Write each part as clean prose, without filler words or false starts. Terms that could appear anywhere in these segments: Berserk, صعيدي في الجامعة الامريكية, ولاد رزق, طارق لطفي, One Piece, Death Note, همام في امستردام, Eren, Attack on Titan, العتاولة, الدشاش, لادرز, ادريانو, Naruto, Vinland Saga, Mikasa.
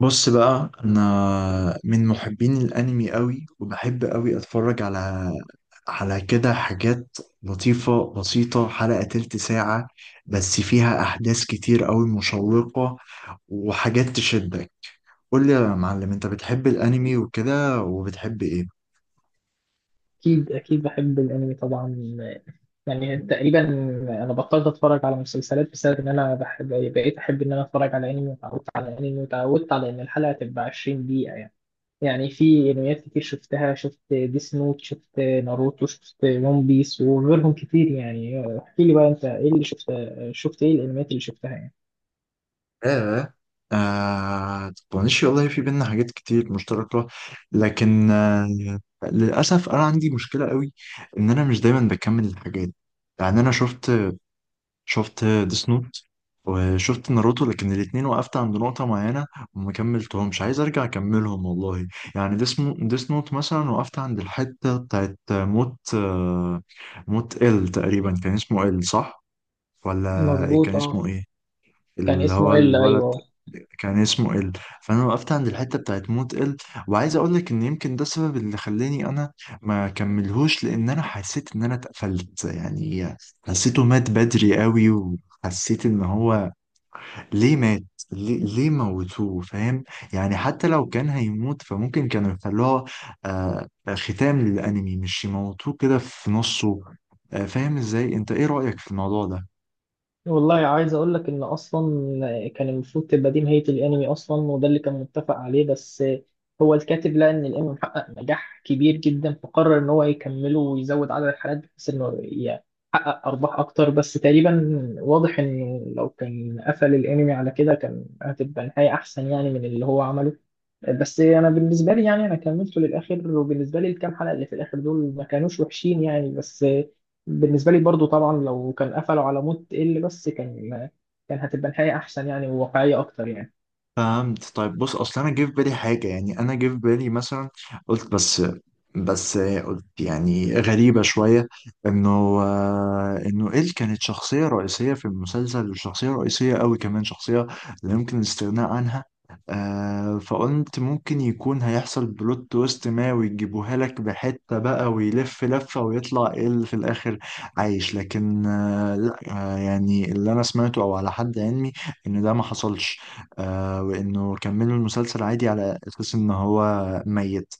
بص بقى، انا من محبين الانمي قوي، وبحب قوي اتفرج على كده حاجات لطيفة بسيطة، حلقة تلت ساعة بس فيها احداث كتير قوي مشوقة، وحاجات تشدك. قول لي يا معلم، انت بتحب الانمي وكده، وبتحب ايه؟ أكيد أكيد، بحب الأنمي طبعا. يعني تقريبا أنا بطلت أتفرج على مسلسلات بسبب إن أنا بقيت أحب إن أنا أتفرج على أنمي، وتعودت على الأنمي وتعودت على إن الحلقة تبقى 20 دقيقة. يعني في أنميات كتير شفتها، شفت ديس نوت، شفت ناروتو، شفت ون بيس وغيرهم كتير يعني. احكي لي بقى، أنت إيه اللي شفت، شفت إيه الأنميات اللي شفتها يعني؟ آه آه، طنش والله، في بينا حاجات كتير مشتركة. لكن للأسف أنا عندي مشكلة قوي، إن أنا مش دايما بكمل الحاجات. يعني أنا شفت ديس نوت، وشفت ناروتو، لكن الاتنين وقفت عند نقطة معينة، وما كملتهمش. عايز أرجع أكملهم والله. يعني ديس نوت مثلا، وقفت عند الحتة بتاعت موت، موت إل، تقريبا كان اسمه إل، صح؟ ولا إيه؟ كان مظبوطة. اسمه إيه؟ كان اللي اسمه هو إلا، الولد، أيوه. كان اسمه ال. فانا وقفت عند الحته بتاعت موت ال، وعايز اقول لك ان يمكن ده السبب اللي خلاني انا ما كملهوش، لان انا حسيت ان انا اتقفلت يعني. حسيته مات بدري قوي، وحسيت ان هو ليه مات، ليه موتوه، فاهم؟ يعني حتى لو كان هيموت، فممكن كانوا يخلوها آه ختام للانمي، مش يموتوه كده في نصه. فاهم ازاي؟ انت ايه رأيك في الموضوع ده؟ والله عايز اقول لك ان اصلا كان المفروض تبقى دي نهايه الانمي اصلا، وده اللي كان متفق عليه. بس هو الكاتب لقى ان الانمي محقق نجاح كبير جدا، فقرر ان هو يكمله ويزود عدد الحلقات بحيث انه يحقق ارباح اكتر. بس تقريبا واضح ان لو كان قفل الانمي على كده كان هتبقى نهايه احسن يعني، من اللي هو عمله. بس انا بالنسبه لي يعني انا كملته للاخر، وبالنسبه لي الكام حلقه اللي في الاخر دول ما كانوش وحشين يعني. بس بالنسبه لي برضو طبعا لو كان قفلوا على موت ال بس، كان هتبقى نهايه احسن يعني، وواقعيه اكتر يعني. فهمت. طيب بص، اصل انا جه في بالي حاجه، يعني انا جه في بالي مثلا قلت، بس قلت يعني غريبه شويه، انه إيل كانت شخصيه رئيسيه في المسلسل، وشخصيه رئيسيه قوي كمان، شخصيه لا يمكن الاستغناء عنها. فقلت ممكن يكون هيحصل بلوت تويست ما، ويجيبوها لك بحته بقى، ويلف لفه ويطلع إيل في الاخر عايش. لكن لا، يعني اللي انا سمعته او على حد علمي ان ده ما حصلش. وانه كملوا المسلسل عادي، على اساس ان هو ميت.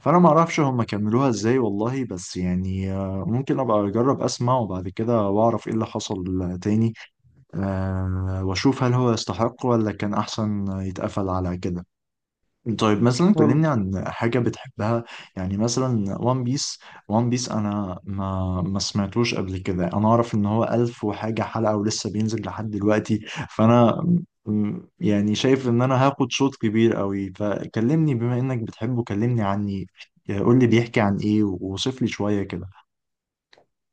فانا ما اعرفش هم كملوها ازاي والله، بس يعني ممكن ابقى اجرب اسمع وبعد كده، واعرف ايه اللي حصل تاني. واشوف هل هو يستحق، ولا كان احسن يتقفل على كده. طيب مثلا كلمني عن حاجة بتحبها، يعني مثلا وان بيس. وان بيس أنا ما سمعتوش قبل كده، أنا أعرف إن هو 1000 وحاجة حلقة، ولسه بينزل لحد دلوقتي، فأنا يعني شايف إن أنا هاخد شوط كبير قوي، فكلمني بما إنك بتحبه، كلمني عني، قول لي بيحكي عن إيه، ووصف لي شوية كده.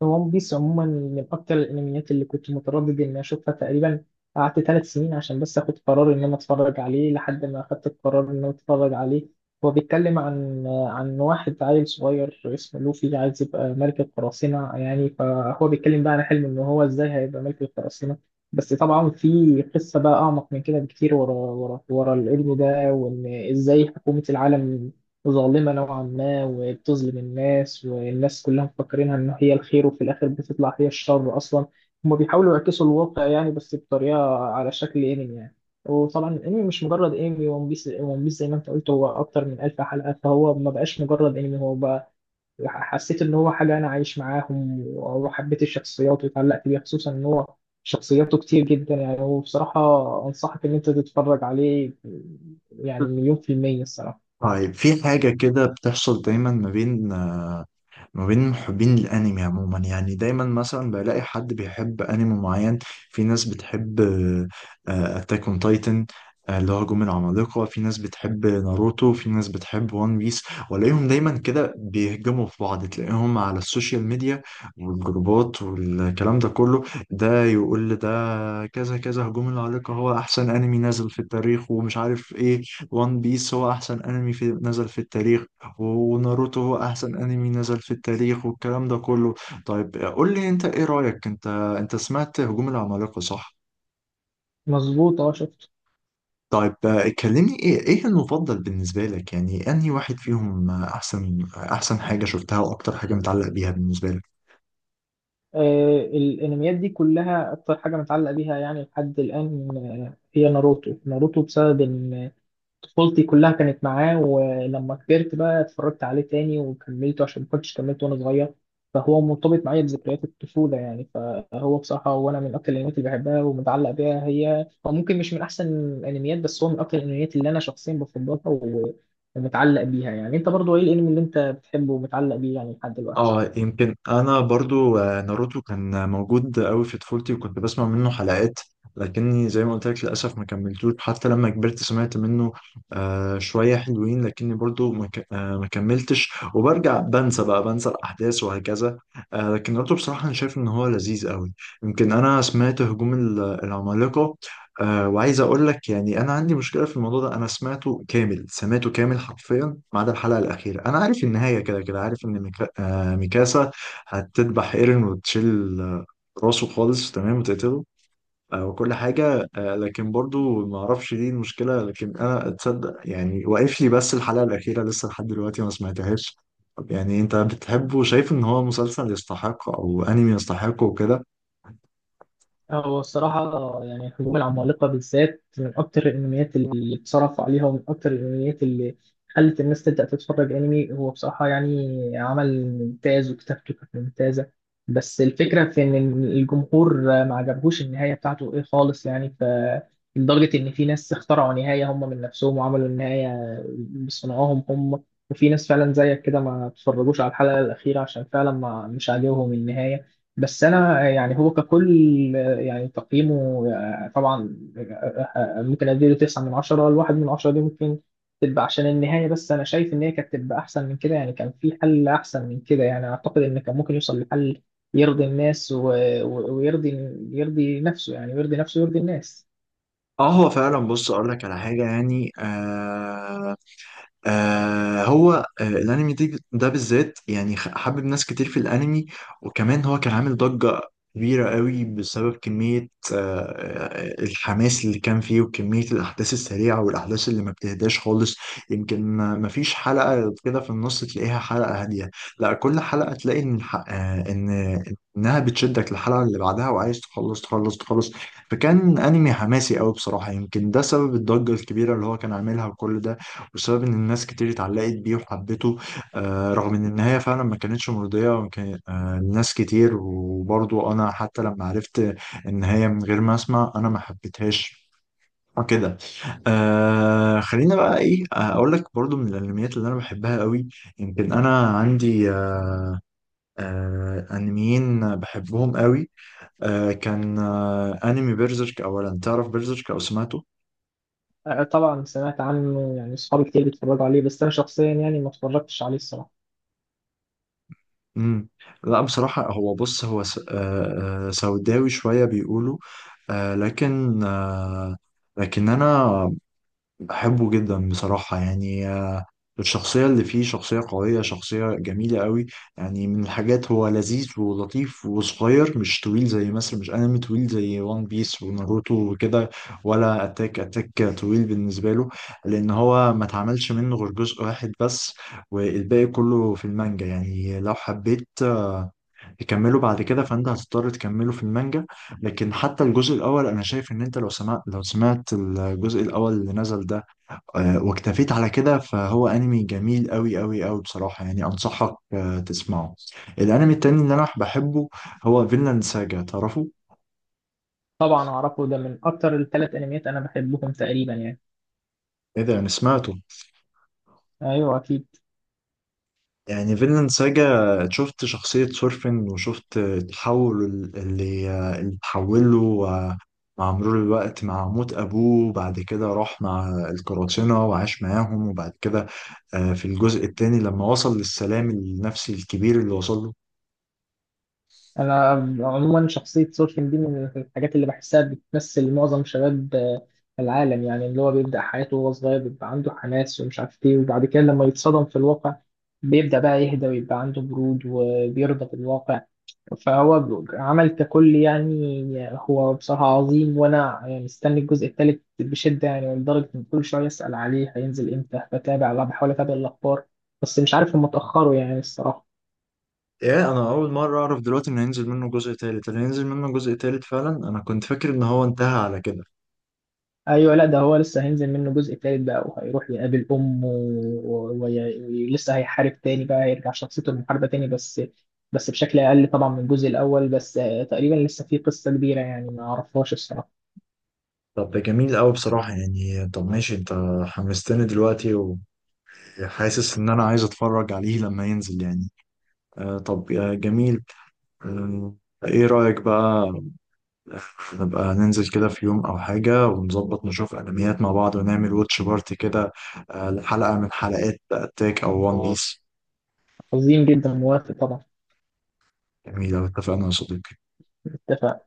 ون بيس عموما من اكتر الانميات اللي كنت متردد اني اشوفها. تقريبا قعدت 3 سنين عشان بس اخد قرار ان انا اتفرج عليه، لحد ما اخدت القرار ان انا اتفرج عليه. هو بيتكلم عن واحد عيل صغير اسمه لوفي عايز يبقى ملك القراصنة يعني، فهو بيتكلم بقى عن حلمه ان هو ازاي هيبقى ملك القراصنة. بس طبعا في قصة بقى اعمق من كده بكتير، ورا ورا ورا الابن ده، وان ازاي حكومة العالم ظالمة نوعا ما، وبتظلم الناس، والناس كلها مفكرينها إن هي الخير، وفي الآخر بتطلع هي الشر أصلا. هما بيحاولوا يعكسوا الواقع يعني، بس بطريقة على شكل أنمي يعني. وطبعا الأنمي مش مجرد أنمي، ون بيس ون بيس زي ما أنت قلت هو أكتر من 1000 حلقة، فهو ما بقاش مجرد أنمي، هو بقى حسيت إن هو حاجة أنا عايش معاهم، وحبيت الشخصيات واتعلقت بيها، خصوصا إن هو شخصياته كتير جدا يعني. هو بصراحة أنصحك إن أنت تتفرج عليه، يعني مليون في المية الصراحة. طيب، في حاجة كده بتحصل دايما ما بين محبين الانمي عموما، يعني دايما مثلا بلاقي حد بيحب انمي معين. في ناس بتحب اتاك اون تايتن اللي هو هجوم العمالقة، في ناس بتحب ناروتو، في ناس بتحب وان بيس، والاقيهم دايما كده بيهجموا في بعض، تلاقيهم على السوشيال ميديا والجروبات والكلام ده كله. ده يقول لي ده كذا كذا، هجوم العمالقة هو احسن انمي نزل في التاريخ ومش عارف ايه، وان بيس هو احسن انمي في نزل في التاريخ، وناروتو هو احسن انمي نزل في التاريخ، والكلام ده كله. طيب قول لي انت، ايه رأيك انت؟ انت سمعت هجوم العمالقة، صح؟ مظبوط، اه شفت. طيب كلمني، ايه المفضل بالنسبة لك، يعني انهي واحد فيهم؟ احسن حاجة شفتها، واكتر حاجة متعلق بيها بالنسبة لك؟ آه، الانميات دي كلها اكتر حاجه متعلقه بيها يعني لحد الان، هي ناروتو. ناروتو بسبب ان طفولتي كلها كانت معاه، ولما كبرت بقى اتفرجت عليه تاني وكملته عشان ما كنتش كملته وانا صغير. فهو مرتبط معايا بذكريات الطفوله يعني، فهو بصراحه وانا من اكتر الانميات اللي بحبها ومتعلق بيها. هي هو ممكن مش من احسن الانميات، بس هو من اكتر الانميات اللي انا شخصيا بفضلها ومتعلق بيها يعني. انت برضو ايه الانمي اللي انت بتحبه ومتعلق بيه يعني لحد دلوقتي؟ اه يمكن انا برضو ناروتو كان موجود قوي في طفولتي، وكنت بسمع منه حلقات، لكني زي ما قلت لك للاسف ما كملتوش. حتى لما كبرت سمعت منه شويه حلوين، لكني برضو ما ك- آه، ما كملتش، وبرجع بنسى بقى الاحداث وهكذا. لكن ناروتو بصراحه انا شايف ان هو لذيذ قوي. يمكن انا سمعت هجوم العمالقه، وعايز اقول لك يعني انا عندي مشكله في الموضوع ده. انا سمعته كامل، سمعته كامل حرفيا ما عدا الحلقه الاخيره. انا عارف النهايه كده كده، عارف ان ميكاسا هتذبح ايرين، وتشيل راسه خالص تمام، وتقتله. وكل حاجه. لكن برضو ما اعرفش، دي المشكله، لكن انا اتصدق يعني واقف لي بس الحلقه الاخيره، لسه لحد دلوقتي ما سمعتهاش. طب يعني انت بتحبه وشايف ان هو مسلسل يستحق، او انمي يستحقه وكده؟ هو الصراحة يعني الهجوم العمالقة بالذات من أكتر الأنميات اللي اتصرف عليها، ومن أكتر الأنميات اللي خلت الناس تبدأ تتفرج أنمي. هو بصراحة يعني عمل ممتاز، وكتابته كانت ممتازة. بس الفكرة في إن الجمهور ما عجبهوش النهاية بتاعته إيه خالص يعني، ف لدرجة إن في ناس اخترعوا نهاية هم من نفسهم، وعملوا النهاية بصنعهم هم. وفي ناس فعلا زيك كده ما اتفرجوش على الحلقة الأخيرة عشان فعلا ما مش عاجبهم النهاية. بس انا يعني هو ككل يعني تقييمه طبعا ممكن اديله 9 من 10. الواحد من عشرة دي ممكن تبقى عشان النهاية. بس أنا شايف إن هي كانت تبقى أحسن من كده يعني، كان في حل أحسن من كده يعني. أعتقد إن كان ممكن يوصل لحل يرضي الناس ويرضي، يرضي نفسه يعني، ويرضي نفسه ويرضي الناس. اه هو فعلا، بص اقول لك على حاجه، يعني هو الانمي ده بالذات، يعني حبب ناس كتير في الانمي، وكمان هو كان عامل ضجة كبيرة قوي، بسبب كمية آه الحماس اللي كان فيه، وكمية الأحداث السريعة، والأحداث اللي ما بتهداش خالص. يمكن ما فيش حلقة كده في النص تلاقيها حلقة هادية، لا، كل حلقة تلاقي إن الح- آه إن إنها بتشدك للحلقة اللي بعدها، وعايز تخلص تخلص تخلص. فكان أنمي حماسي قوي بصراحة، يمكن ده سبب الضجة الكبيرة اللي هو كان عاملها، وكل ده بسبب ان الناس كتير اتعلقت بيه وحبته. رغم ان النهايه فعلا ما كانتش مرضيه، وكان الناس كتير، وبرضو انا حتى لما عرفت النهايه من غير ما اسمع، انا ما حبيتهاش وكده. خلينا بقى ايه، اقول لك برضو من الانميات اللي انا بحبها قوي. يمكن انا عندي انميين بحبهم قوي. كان انمي بيرزيرك اولا، تعرف بيرزيرك او سمعته؟ آه، طبعا سمعت عنه، يعني أصحابي كتير بيتفرجوا عليه، بس أنا شخصيا يعني ما اتفرجتش عليه الصراحة. امم لا بصراحة، هو بص، هو سوداوي شوية بيقولوا، آه، لكن آه، لكن أنا بحبه جدا بصراحة، يعني الشخصية اللي فيه شخصية قوية، شخصية جميلة قوي. يعني من الحاجات هو لذيذ ولطيف وصغير، مش طويل زي مثلا، مش انمي طويل زي وان بيس وناروتو وكده، ولا اتاك طويل بالنسبة له، لأن هو ما اتعملش منه غير جزء واحد بس، والباقي كله في المانجا. يعني لو حبيت تكمله بعد كده، فانت هتضطر تكمله في المانجا، لكن حتى الجزء الاول انا شايف ان انت لو سمعت الجزء الاول اللي نزل ده واكتفيت على كده، فهو انمي جميل قوي قوي قوي بصراحة، يعني انصحك تسمعه. الانمي التاني اللي انا بحبه هو فينلاند ساجا، تعرفه؟ طبعا أعرفه، ده من أكتر الـ3 أنميات أنا بحبهم تقريبا يعني. ايه ده انا سمعته! أيوه أكيد. يعني فينلاند ساجا، شفت شخصية سورفن وشفت التحول اللي اتحوله مع مرور الوقت، مع موت أبوه، بعد كده راح مع القراصنة وعاش معاهم، وبعد كده في الجزء التاني لما وصل للسلام النفسي الكبير اللي وصل له. انا عموما شخصيه سورفين دي من الحاجات اللي بحسها بتمثل معظم شباب العالم يعني، اللي هو بيبدا حياته وهو صغير، بيبقى عنده حماس ومش عارف ايه، وبعد كده لما يتصدم في الواقع بيبدا بقى يهدى ويبقى عنده برود وبيرضى بالواقع. فهو عمل ككل يعني، هو بصراحه عظيم. وانا يعني مستني الجزء الثالث بشده، يعني لدرجه ان كل شويه اسال عليه هينزل امتى، بتابع، بحاول اتابع الاخبار، بس مش عارف، هم اتاخروا يعني الصراحه. ايه، انا اول مره اعرف دلوقتي ان هينزل منه جزء تالت؟ اللي هينزل منه جزء تالت فعلا؟ انا كنت فاكر ان هو انتهى على كده. ايوه، لا ده هو لسه هينزل منه جزء تالت بقى، وهيروح يقابل امه ولسه هيحارب تاني بقى، هيرجع شخصيته المحاربه تاني. بس بشكل اقل طبعا من الجزء الاول، بس تقريبا لسه في قصه كبيره يعني ما اعرفهاش الصراحه. طب ده جميل قوي بصراحه، يعني طب ماشي، انت حمستني دلوقتي، وحاسس ان انا عايز اتفرج عليه لما ينزل يعني. طب يا جميل، آه ايه رايك بقى نبقى ننزل كده في يوم او حاجه، ونظبط نشوف انميات مع بعض، ونعمل واتش بارتي كده، لحلقه من حلقات اتاك او وان خلاص بيس؟ عظيم جدا، موافق طبعا. جميل أوي، اتفقنا يا صديقي. اتفق.